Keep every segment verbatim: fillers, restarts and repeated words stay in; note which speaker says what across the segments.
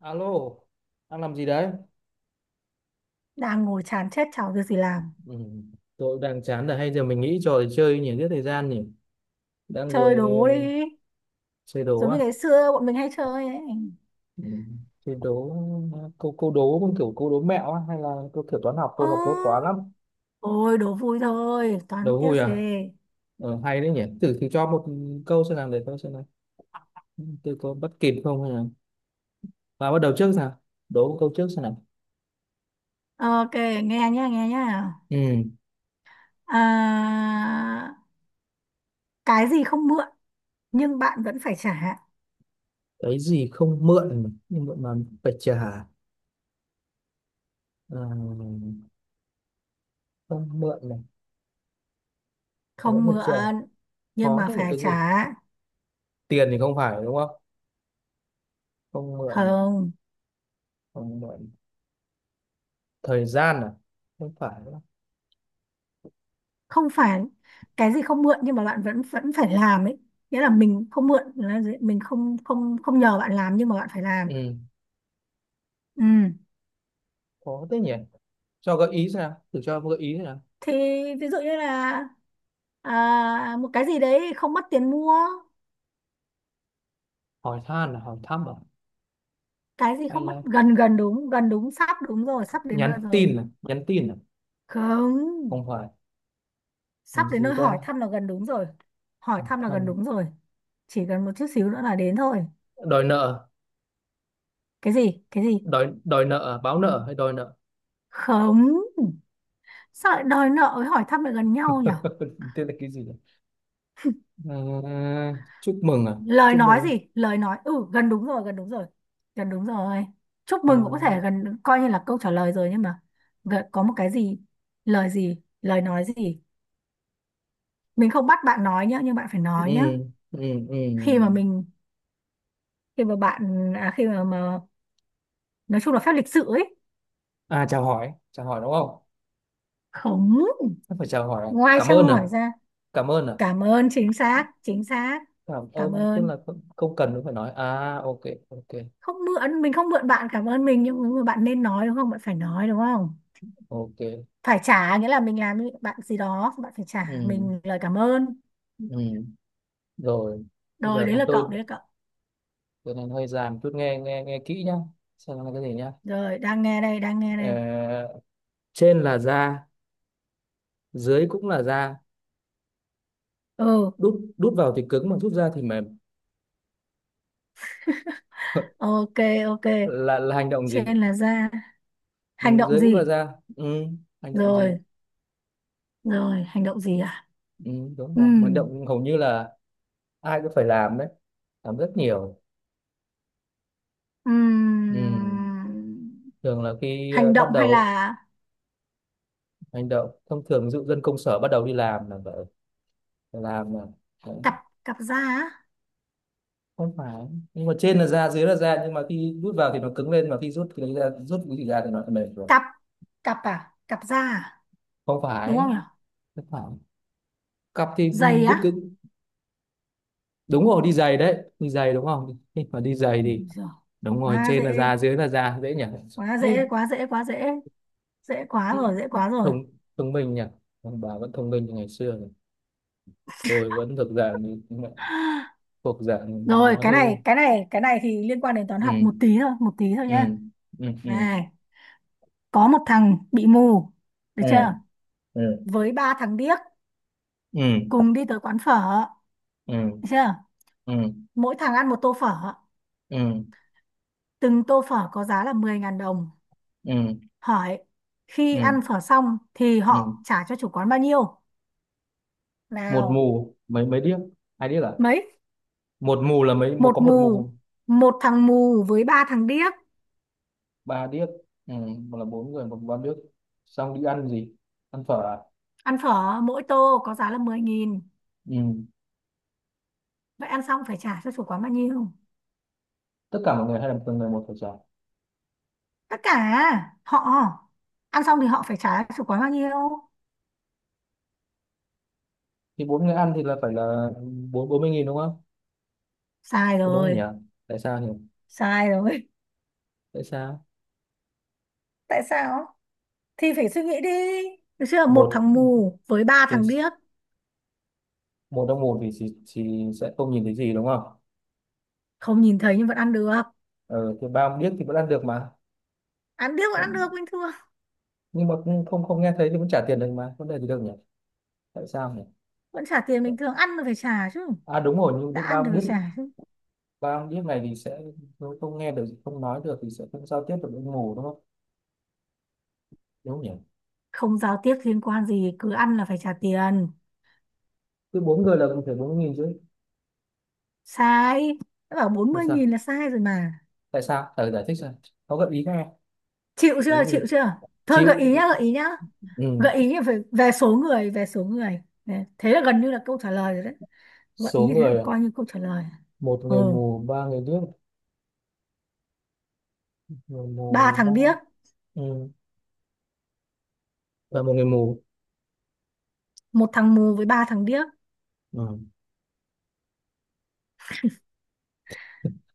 Speaker 1: Alo, đang làm gì đấy?
Speaker 2: Đang ngồi chán chết, chả có việc gì làm.
Speaker 1: Ừ, tôi cũng đang chán rồi, hay giờ mình nghĩ trò để chơi nhỉ, giết thời gian nhỉ. Đang
Speaker 2: Chơi
Speaker 1: ngồi
Speaker 2: đố
Speaker 1: ờ,
Speaker 2: đi,
Speaker 1: chơi đố
Speaker 2: giống
Speaker 1: à?
Speaker 2: như ngày xưa bọn mình hay chơi ấy.
Speaker 1: Ừ, chơi đố ờ, câu câu đố cũng kiểu câu đố mẹo á, hay là câu kiểu toán học,
Speaker 2: Ồ,
Speaker 1: câu học đố toán lắm.
Speaker 2: ôi đố vui thôi, toán
Speaker 1: Đố
Speaker 2: tiếc
Speaker 1: vui
Speaker 2: gì.
Speaker 1: à? Ờ, hay đấy nhỉ. Thử thử cho một câu xem nào để tôi xem nào. Tôi có bắt kịp không hay là và bắt đầu trước nào. Đố một câu trước xem nào.
Speaker 2: Ờ, ok, nghe nhá, nghe nhá.
Speaker 1: Ừ,
Speaker 2: à, cái gì không mượn nhưng bạn vẫn phải trả?
Speaker 1: cái gì không mượn nhưng mượn mà phải trả. Ờ, không mượn này, mà vẫn
Speaker 2: Không
Speaker 1: phải trả.
Speaker 2: mượn nhưng
Speaker 1: Khó
Speaker 2: mà
Speaker 1: thế nhỉ,
Speaker 2: phải
Speaker 1: cái gì?
Speaker 2: trả.
Speaker 1: Tiền thì không phải đúng không, không mượn,
Speaker 2: Không.
Speaker 1: không mượn thời gian à, không phải đúng không?
Speaker 2: Không phải. Cái gì không mượn nhưng mà bạn vẫn vẫn phải làm ấy. Nghĩa là mình không mượn là gì? Mình không không không nhờ bạn làm nhưng mà bạn phải làm.
Speaker 1: Ừ,
Speaker 2: Ừ.
Speaker 1: có thế nhỉ, cho gợi ý xem nào, thử cho gợi ý xem nào.
Speaker 2: Thì ví dụ như là, à, một cái gì đấy không mất tiền mua.
Speaker 1: Hỏi han là hỏi thăm à,
Speaker 2: Cái gì
Speaker 1: hay
Speaker 2: không mất,
Speaker 1: là
Speaker 2: gần gần đúng, gần đúng, sắp đúng rồi, sắp đến
Speaker 1: nhắn
Speaker 2: nơi rồi.
Speaker 1: tin à, nhắn tin à,
Speaker 2: Không.
Speaker 1: không phải.
Speaker 2: Sắp
Speaker 1: Làm
Speaker 2: đến
Speaker 1: gì
Speaker 2: nơi, hỏi
Speaker 1: ta,
Speaker 2: thăm là gần đúng rồi. Hỏi thăm là gần
Speaker 1: thăm,
Speaker 2: đúng rồi. Chỉ cần một chút xíu nữa là đến thôi.
Speaker 1: đòi nợ,
Speaker 2: Cái gì, cái gì?
Speaker 1: đòi đòi nợ à? Báo nợ hay đòi nợ?
Speaker 2: Không. Sao lại đòi nợ với hỏi thăm lại gần nhau nhỉ?
Speaker 1: Tên là cái gì nhỉ? Ờ, chúc mừng à,
Speaker 2: Lời
Speaker 1: chúc
Speaker 2: nói
Speaker 1: mừng
Speaker 2: gì, lời nói, ừ, gần đúng rồi, gần đúng rồi. Gần đúng rồi. Chúc
Speaker 1: à,
Speaker 2: mừng cũng có thể gần coi như là câu trả lời rồi nhưng mà gần, có một cái gì. Lời gì, lời nói gì. Mình không bắt bạn nói nhá nhưng bạn phải
Speaker 1: ừ,
Speaker 2: nói nhá.
Speaker 1: ừ,
Speaker 2: Khi mà
Speaker 1: ừ.
Speaker 2: mình, khi mà bạn, à, khi mà, mà nói chung là phép lịch sự ấy.
Speaker 1: À, chào hỏi, chào hỏi đúng không?
Speaker 2: Không.
Speaker 1: Không phải chào hỏi à?
Speaker 2: Ngoài
Speaker 1: Cảm
Speaker 2: trao
Speaker 1: ơn à,
Speaker 2: hỏi ra.
Speaker 1: cảm ơn à,
Speaker 2: Cảm ơn, chính xác, chính xác.
Speaker 1: cảm
Speaker 2: Cảm
Speaker 1: ơn tức
Speaker 2: ơn.
Speaker 1: là không, không cần phải nói à, ok, ok,
Speaker 2: Không mượn, mình không mượn bạn cảm ơn mình, nhưng mà bạn nên nói, đúng không? Bạn phải nói, đúng không?
Speaker 1: ok,
Speaker 2: Phải trả nghĩa là mình làm với bạn gì đó, bạn phải trả
Speaker 1: ừ,
Speaker 2: mình lời cảm ơn.
Speaker 1: ừ. Rồi bây
Speaker 2: Rồi,
Speaker 1: giờ
Speaker 2: đấy
Speaker 1: thì
Speaker 2: là cậu,
Speaker 1: tôi
Speaker 2: đấy là cậu.
Speaker 1: tôi nên hơi dài một chút, nghe nghe nghe kỹ nhá, xem nó là cái gì nhá.
Speaker 2: Rồi, đang nghe đây, đang nghe đây.
Speaker 1: Ờ, trên là da, dưới cũng là da,
Speaker 2: Ừ.
Speaker 1: đút đút vào thì cứng mà rút ra thì mềm.
Speaker 2: Ok, ok.
Speaker 1: là là hành động gì,
Speaker 2: Trên là ra,
Speaker 1: ừ,
Speaker 2: hành động
Speaker 1: dưới cũng là
Speaker 2: gì?
Speaker 1: da, ừ, hành động gì,
Speaker 2: Rồi, rồi, hành động gì à?
Speaker 1: ừ, đúng rồi. Mà hành
Speaker 2: Ừm.
Speaker 1: động hầu như là ai cũng phải làm đấy, làm rất nhiều, ừ.
Speaker 2: Ừm.
Speaker 1: Thường là khi ờ,
Speaker 2: Hành
Speaker 1: bắt
Speaker 2: động hay
Speaker 1: đầu
Speaker 2: là
Speaker 1: hành động thông thường, ví dụ dân công sở bắt đầu đi làm là vậy, làm là đấy.
Speaker 2: cặp, cặp da á.
Speaker 1: Không phải, nhưng mà trên là da dưới là da, nhưng mà khi rút vào thì nó cứng lên, mà khi rút thì ra, rút cái gì ra thì nó lại mềm rồi.
Speaker 2: Cặp cặp à? Cặp da à?
Speaker 1: Không
Speaker 2: Đúng
Speaker 1: phải,
Speaker 2: không nhỉ?
Speaker 1: không phải, cặp thì,
Speaker 2: Giày
Speaker 1: rút
Speaker 2: á.
Speaker 1: cái, đúng rồi đi giày đấy, đi giày đúng không, nhưng mà đi giày
Speaker 2: Ừm,
Speaker 1: thì
Speaker 2: giời,
Speaker 1: đúng rồi,
Speaker 2: quá
Speaker 1: trên là
Speaker 2: dễ,
Speaker 1: da dưới là da, dễ nhỉ.
Speaker 2: quá
Speaker 1: Ê,
Speaker 2: dễ, quá dễ. Quá dễ, dễ quá rồi, dễ quá rồi.
Speaker 1: thông, thông minh nhỉ, ông bà vẫn thông minh như ngày xưa rồi. Tôi vẫn thực dạng, thuộc dạng,
Speaker 2: Rồi,
Speaker 1: nói
Speaker 2: cái
Speaker 1: hơi,
Speaker 2: này, cái này, cái này thì liên quan đến toán học
Speaker 1: ừ,
Speaker 2: một tí thôi, một tí thôi
Speaker 1: ừ,
Speaker 2: nhá.
Speaker 1: ừ, ừ,
Speaker 2: Này, có một thằng bị mù, được
Speaker 1: ừ,
Speaker 2: chưa?
Speaker 1: ừ,
Speaker 2: Với ba thằng điếc
Speaker 1: ừ,
Speaker 2: cùng đi tới quán phở,
Speaker 1: ừ,
Speaker 2: được chưa?
Speaker 1: ừ,
Speaker 2: Mỗi thằng ăn một tô phở,
Speaker 1: ừ,
Speaker 2: từng tô phở có giá là mười ngàn đồng.
Speaker 1: ừ,
Speaker 2: Hỏi khi ăn
Speaker 1: ừ,
Speaker 2: phở xong thì
Speaker 1: ừ.
Speaker 2: họ trả cho chủ quán bao nhiêu?
Speaker 1: Một
Speaker 2: Nào,
Speaker 1: mù mấy mấy điếc, hai điếc à,
Speaker 2: mấy?
Speaker 1: một mù là mấy, một có
Speaker 2: Một
Speaker 1: một
Speaker 2: mù,
Speaker 1: mù,
Speaker 2: một thằng mù với ba thằng điếc.
Speaker 1: ba điếc, ừ, một là bốn người một ba điếc, xong đi ăn gì, ăn phở à,
Speaker 2: Ăn phở mỗi tô có giá là mười nghìn.
Speaker 1: ừ,
Speaker 2: Vậy ăn xong phải trả cho chủ quán bao nhiêu?
Speaker 1: tất cả mọi người hay là từng người một phải trả?
Speaker 2: Tất cả. Họ ăn xong thì họ phải trả chủ quán bao nhiêu?
Speaker 1: Thì bốn người ăn thì là phải là bốn bốn mươi nghìn đúng không?
Speaker 2: Sai
Speaker 1: Có đúng không nhỉ,
Speaker 2: rồi.
Speaker 1: tại sao nhỉ,
Speaker 2: Sai rồi.
Speaker 1: tại sao,
Speaker 2: Tại sao? Thì phải suy nghĩ đi. Được chưa? Một
Speaker 1: một
Speaker 2: thằng mù với ba
Speaker 1: thì
Speaker 2: thằng điếc.
Speaker 1: một trong một thì, thì, thì sẽ không nhìn thấy gì đúng không?
Speaker 2: Không nhìn thấy nhưng vẫn ăn được.
Speaker 1: Ừ, thì ba điếc thì vẫn ăn được mà.
Speaker 2: Ăn, điếc vẫn ăn được bình thường.
Speaker 1: Nhưng mà cũng không, không nghe thấy thì vẫn trả tiền được mà, vấn đề gì đâu nhỉ, tại sao nhỉ?
Speaker 2: Vẫn trả tiền bình thường, ăn là phải trả chứ.
Speaker 1: À đúng rồi, nhưng
Speaker 2: Đã
Speaker 1: biết bao
Speaker 2: ăn thì phải
Speaker 1: biết,
Speaker 2: trả chứ.
Speaker 1: bao biết này thì sẽ không, không nghe được không nói được thì sẽ không giao tiếp được với mù đúng không, đúng không nhỉ?
Speaker 2: Không giao tiếp liên quan gì, cứ ăn là phải trả tiền.
Speaker 1: Cứ bốn người là cũng phải bốn nghìn chứ.
Speaker 2: Sai. Đã bảo bốn
Speaker 1: Tại
Speaker 2: mươi nghìn
Speaker 1: sao,
Speaker 2: là sai rồi mà.
Speaker 1: tại sao thử giải thích xem, có gợi ý nghe,
Speaker 2: Chịu
Speaker 1: gợi ý
Speaker 2: chưa,
Speaker 1: gì,
Speaker 2: chịu chưa? Thôi gợi
Speaker 1: chịu
Speaker 2: ý
Speaker 1: chịu,
Speaker 2: nhá, gợi ý nhá.
Speaker 1: ừ.
Speaker 2: Gợi ý về, về số người, về số người. Nè, thế là gần như là câu trả lời rồi đấy. Gợi
Speaker 1: Số
Speaker 2: ý thế là
Speaker 1: người à?
Speaker 2: coi như câu trả lời.
Speaker 1: Một
Speaker 2: Ừ.
Speaker 1: người mù ba người điếc, người
Speaker 2: Ba
Speaker 1: mù ba,
Speaker 2: thằng điếc.
Speaker 1: ừ. Và một người mù,
Speaker 2: Một thằng mù với ba thằng điếc.
Speaker 1: ừ.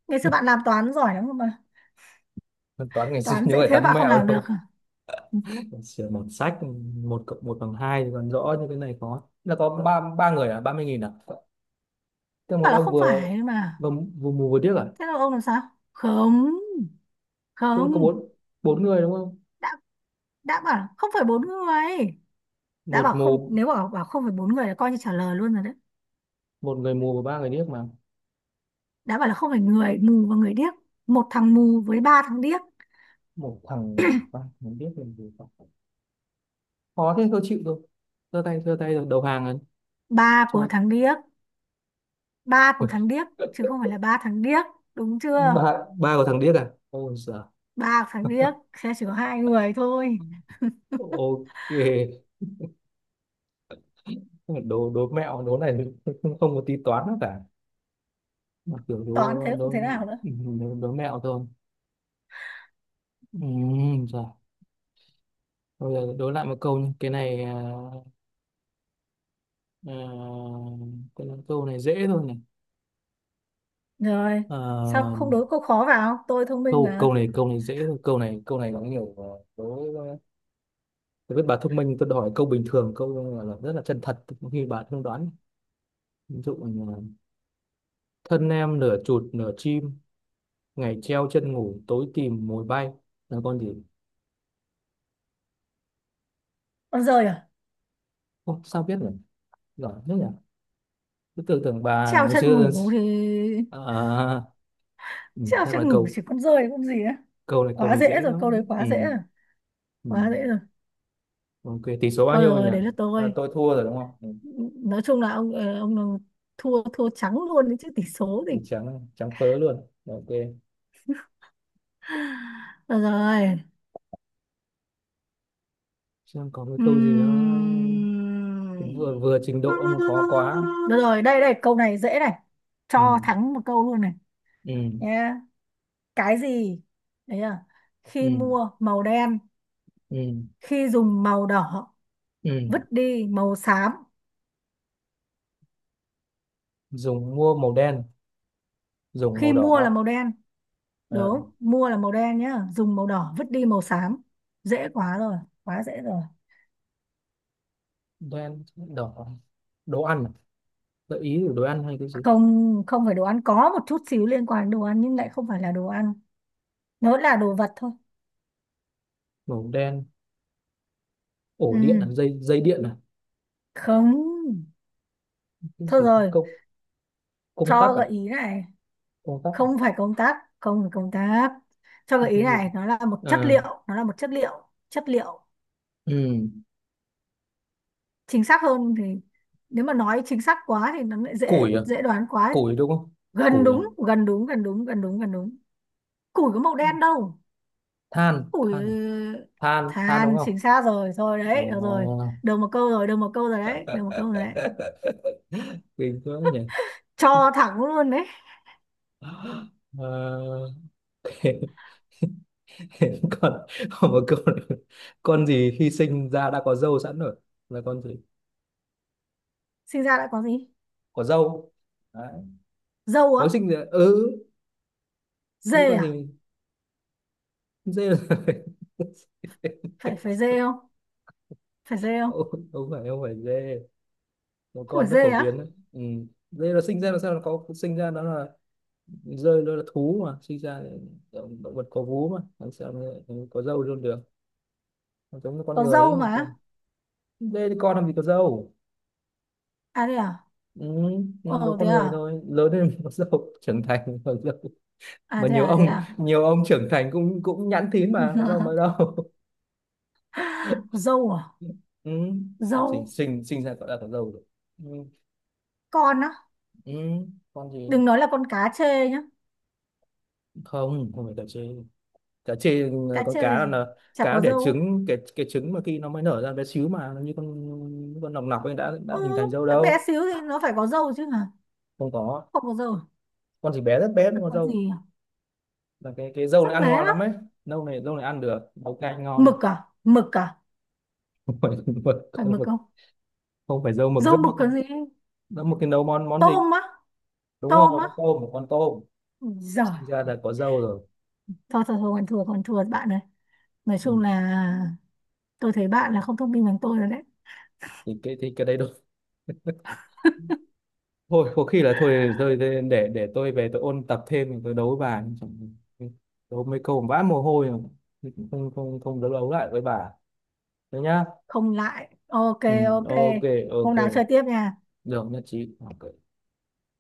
Speaker 2: Ngày xưa bạn làm toán giỏi lắm cơ mà.
Speaker 1: Toán ngày xưa
Speaker 2: Toán
Speaker 1: nhớ
Speaker 2: dễ
Speaker 1: phải
Speaker 2: thế
Speaker 1: tán
Speaker 2: bạn không
Speaker 1: mẹo
Speaker 2: làm được
Speaker 1: đâu,
Speaker 2: à? Ừ.
Speaker 1: sửa một sách, một cộng một bằng hai thì còn rõ, như cái này có là có ba ba người à, ba mươi nghìn à, tức là một
Speaker 2: Bảo là
Speaker 1: ông
Speaker 2: không
Speaker 1: vừa,
Speaker 2: phải mà.
Speaker 1: vừa, vừa mù vừa điếc à?
Speaker 2: Thế là ông làm sao? Không.
Speaker 1: Tức là có
Speaker 2: Không.
Speaker 1: bốn, bốn người đúng không,
Speaker 2: Đã đã bảo là không phải bốn người. Đã
Speaker 1: một
Speaker 2: bảo không,
Speaker 1: mù,
Speaker 2: nếu bảo bảo không phải bốn người là coi như trả lời luôn rồi đấy.
Speaker 1: một người mù và ba người điếc mà,
Speaker 2: Đã bảo là không phải người mù và người điếc. Một thằng mù với ba thằng điếc.
Speaker 1: một thằng, ba người điếc mình thì khó. Khó thế tôi chịu thôi, giơ tay giơ tay rồi, đầu hàng rồi,
Speaker 2: Ba của
Speaker 1: cho,
Speaker 2: thằng điếc. Ba của thằng điếc chứ không phải là ba thằng điếc. Đúng chưa?
Speaker 1: ba, ba của thằng điếc à, ôi giời.
Speaker 2: Ba của thằng điếc sẽ chỉ có hai người thôi.
Speaker 1: Ok đố đố mẹo đố này không có tí toán nào cả, một kiểu
Speaker 2: Toán
Speaker 1: đố
Speaker 2: thế cũng
Speaker 1: đố,
Speaker 2: thế nào nữa.
Speaker 1: đố, đố mẹo thôi. Ừ, rồi bây giờ đố lại một câu nhé, cái này à, à, cái này, câu này dễ thôi này,
Speaker 2: Rồi, sao
Speaker 1: à,
Speaker 2: không đố câu khó vào, tôi thông minh
Speaker 1: câu
Speaker 2: mà.
Speaker 1: câu này câu này dễ thôi, câu này câu này có nhiều à, đố ờ, tôi biết bà thông minh, tôi đòi câu bình thường, câu là, là rất là chân thật, có khi bà không đoán. Ví dụ như là, thân em nửa chuột nửa chim, ngày treo chân ngủ tối tìm mồi bay, là con gì?
Speaker 2: Con dơi à?
Speaker 1: Ô, sao biết nhỉ, giỏi thế nhỉ, tôi tưởng tưởng bà
Speaker 2: Treo
Speaker 1: ngày
Speaker 2: chân
Speaker 1: xưa.
Speaker 2: ngủ thì,
Speaker 1: À, ừ,
Speaker 2: treo
Speaker 1: chắc là
Speaker 2: chân ngủ
Speaker 1: câu,
Speaker 2: chỉ con dơi cũng gì á.
Speaker 1: câu này câu
Speaker 2: Quá
Speaker 1: này
Speaker 2: dễ
Speaker 1: dễ
Speaker 2: rồi,
Speaker 1: quá,
Speaker 2: câu đấy
Speaker 1: ừ,
Speaker 2: quá dễ rồi.
Speaker 1: ừ.
Speaker 2: Quá dễ rồi.
Speaker 1: Ok tỷ số bao
Speaker 2: Thôi
Speaker 1: nhiêu rồi nhỉ,
Speaker 2: rồi, đấy là
Speaker 1: à,
Speaker 2: tôi.
Speaker 1: tôi thua rồi đúng không, ừ.
Speaker 2: Nói chung là ông, ờ, ông thua, thua trắng luôn đấy chứ tỷ số thì.
Speaker 1: Tôi trắng trắng phớ luôn, ok.
Speaker 2: Rồi, rồi.
Speaker 1: Xem có cái câu gì nó
Speaker 2: Ừm.
Speaker 1: vừa vừa trình độ mà khó quá,
Speaker 2: Được rồi, đây đây, câu này dễ này.
Speaker 1: ừ,
Speaker 2: Cho thắng một câu luôn này.
Speaker 1: ừ,
Speaker 2: Nhá. Cái gì? Đấy à.
Speaker 1: ừ,
Speaker 2: Khi mua màu đen,
Speaker 1: ừ,
Speaker 2: khi dùng màu đỏ,
Speaker 1: ừ.
Speaker 2: vứt đi màu xám.
Speaker 1: Dùng mua màu đen, dùng màu
Speaker 2: Khi mua là
Speaker 1: đỏ.
Speaker 2: màu đen,
Speaker 1: Ờ,
Speaker 2: đúng, mua là màu đen nhá, dùng màu đỏ, vứt đi màu xám. Dễ quá rồi, quá dễ rồi.
Speaker 1: đen đỏ, đồ ăn à? Gợi ý của đồ ăn hay cái gì?
Speaker 2: Không, không phải đồ ăn, có một chút xíu liên quan đến đồ ăn nhưng lại không phải là đồ ăn. Nó là đồ vật thôi.
Speaker 1: Màu đen, ổ điện là
Speaker 2: Ừ,
Speaker 1: dây dây điện à,
Speaker 2: không.
Speaker 1: cái
Speaker 2: Thôi
Speaker 1: gì,
Speaker 2: rồi,
Speaker 1: công, công tắc
Speaker 2: cho
Speaker 1: à,
Speaker 2: gợi ý này.
Speaker 1: công tắc à,
Speaker 2: Không phải công tắc, không phải công tắc. Cho gợi
Speaker 1: hay
Speaker 2: ý
Speaker 1: cái gì,
Speaker 2: này, nó là một chất
Speaker 1: ờ,
Speaker 2: liệu, nó là một chất liệu, chất liệu.
Speaker 1: ừ.
Speaker 2: Chính xác hơn thì, nếu mà nói chính xác quá thì nó lại dễ,
Speaker 1: Củi à?
Speaker 2: dễ đoán quá.
Speaker 1: Củi đúng không,
Speaker 2: Gần
Speaker 1: củi à?
Speaker 2: đúng, gần đúng, gần đúng, gần đúng, gần đúng. Củi có màu đen đâu.
Speaker 1: Than
Speaker 2: Củi,
Speaker 1: than à?
Speaker 2: ừ.
Speaker 1: Than than đúng
Speaker 2: Than
Speaker 1: không?
Speaker 2: chính xác rồi, rồi
Speaker 1: Ờ...
Speaker 2: đấy, được rồi. Được một câu rồi, được một câu rồi đấy, được một câu rồi đấy.
Speaker 1: Kinh quá nhỉ.
Speaker 2: Cho thẳng luôn đấy.
Speaker 1: Ờ... Còn, còn một câu nữa, con gì khi sinh ra đã có râu sẵn rồi, là con gì,
Speaker 2: Sinh ra đã có gì?
Speaker 1: có râu, đấy,
Speaker 2: Dâu á?
Speaker 1: mới sinh ra, ừ, nghĩ
Speaker 2: Dê
Speaker 1: con
Speaker 2: à?
Speaker 1: gì, dê là-
Speaker 2: Phải phải dê không? Phải dê không?
Speaker 1: Không, không phải, không phải dê, một
Speaker 2: Không phải
Speaker 1: con rất
Speaker 2: dê
Speaker 1: phổ biến
Speaker 2: á?
Speaker 1: đấy, ừ. Dê là sinh ra là sao nó có, sinh ra nó là, rơi nó là thú mà, sinh ra là động, động vật có vú mà, làm sao mà có râu luôn được, nó giống như con
Speaker 2: Có
Speaker 1: người ấy,
Speaker 2: dâu
Speaker 1: làm sao
Speaker 2: mà.
Speaker 1: đây thì con làm gì có râu,
Speaker 2: À đây à?
Speaker 1: ừ, nó giống
Speaker 2: Ồ
Speaker 1: con
Speaker 2: thế
Speaker 1: người
Speaker 2: à?
Speaker 1: thôi, lớn lên mới có râu, trưởng thành có râu,
Speaker 2: À
Speaker 1: mà
Speaker 2: thế
Speaker 1: nhiều
Speaker 2: à, thế
Speaker 1: ông
Speaker 2: à?
Speaker 1: nhiều ông trưởng thành cũng cũng nhẵn thín mà, có râu mới đâu.
Speaker 2: Dâu à?
Speaker 1: Ừ. Con sinh
Speaker 2: Dâu.
Speaker 1: sinh sinh ra gọi là có râu rồi, ừ.
Speaker 2: Con á?
Speaker 1: Ừ, con gì,
Speaker 2: Đừng nói là con cá chê nhá.
Speaker 1: không không phải đợi chứ, cá chê,
Speaker 2: Cá
Speaker 1: con
Speaker 2: chê
Speaker 1: cá là,
Speaker 2: thì
Speaker 1: là
Speaker 2: chả
Speaker 1: cá
Speaker 2: có
Speaker 1: đẻ
Speaker 2: dâu.
Speaker 1: trứng, cái cái trứng mà khi nó mới nở ra bé xíu mà nó như con con nòng nọc ấy, đã
Speaker 2: Ừ,
Speaker 1: đã hình thành râu
Speaker 2: cái bé
Speaker 1: đâu.
Speaker 2: xíu thì nó phải có dâu chứ hả?
Speaker 1: Không có,
Speaker 2: Không có dâu à?
Speaker 1: con chỉ bé rất bé
Speaker 2: Bất
Speaker 1: thôi,
Speaker 2: được.
Speaker 1: con
Speaker 2: Con
Speaker 1: râu
Speaker 2: gì à?
Speaker 1: là cái cái râu
Speaker 2: Rất
Speaker 1: này ăn
Speaker 2: bé
Speaker 1: ngon
Speaker 2: á.
Speaker 1: lắm ấy, râu này râu này ăn được nấu canh ngon.
Speaker 2: Mực à? Mực à?
Speaker 1: Không phải mực,
Speaker 2: Phải
Speaker 1: con
Speaker 2: mực
Speaker 1: mực.
Speaker 2: không?
Speaker 1: Không phải râu mực,
Speaker 2: Dâu
Speaker 1: rất
Speaker 2: mực
Speaker 1: mực,
Speaker 2: còn gì?
Speaker 1: rất mực thì nấu món món gì.
Speaker 2: Tôm á?
Speaker 1: Đúng rồi,
Speaker 2: Tôm á?
Speaker 1: con tôm, một con tôm
Speaker 2: Ui giời.
Speaker 1: sinh ra là có râu rồi.
Speaker 2: Thôi thôi thôi, còn thua, còn thua bạn ơi. Nói
Speaker 1: Ừ.
Speaker 2: chung là tôi thấy bạn là không thông minh bằng tôi rồi đấy.
Speaker 1: Thì cái thì cái đấy đúng, thôi có khi là thôi rồi, để để để tôi về tôi ôn tập thêm, tôi đấu với bà Chẳng- đấu mấy câu vã mồ hôi mà. Không không không đấu, đấu lại với bà thế nhá.
Speaker 2: Không lại. Ok,
Speaker 1: Ừ,
Speaker 2: ok.
Speaker 1: ok, ok,
Speaker 2: Hôm nào chơi tiếp nha.
Speaker 1: được nhất trí, ok.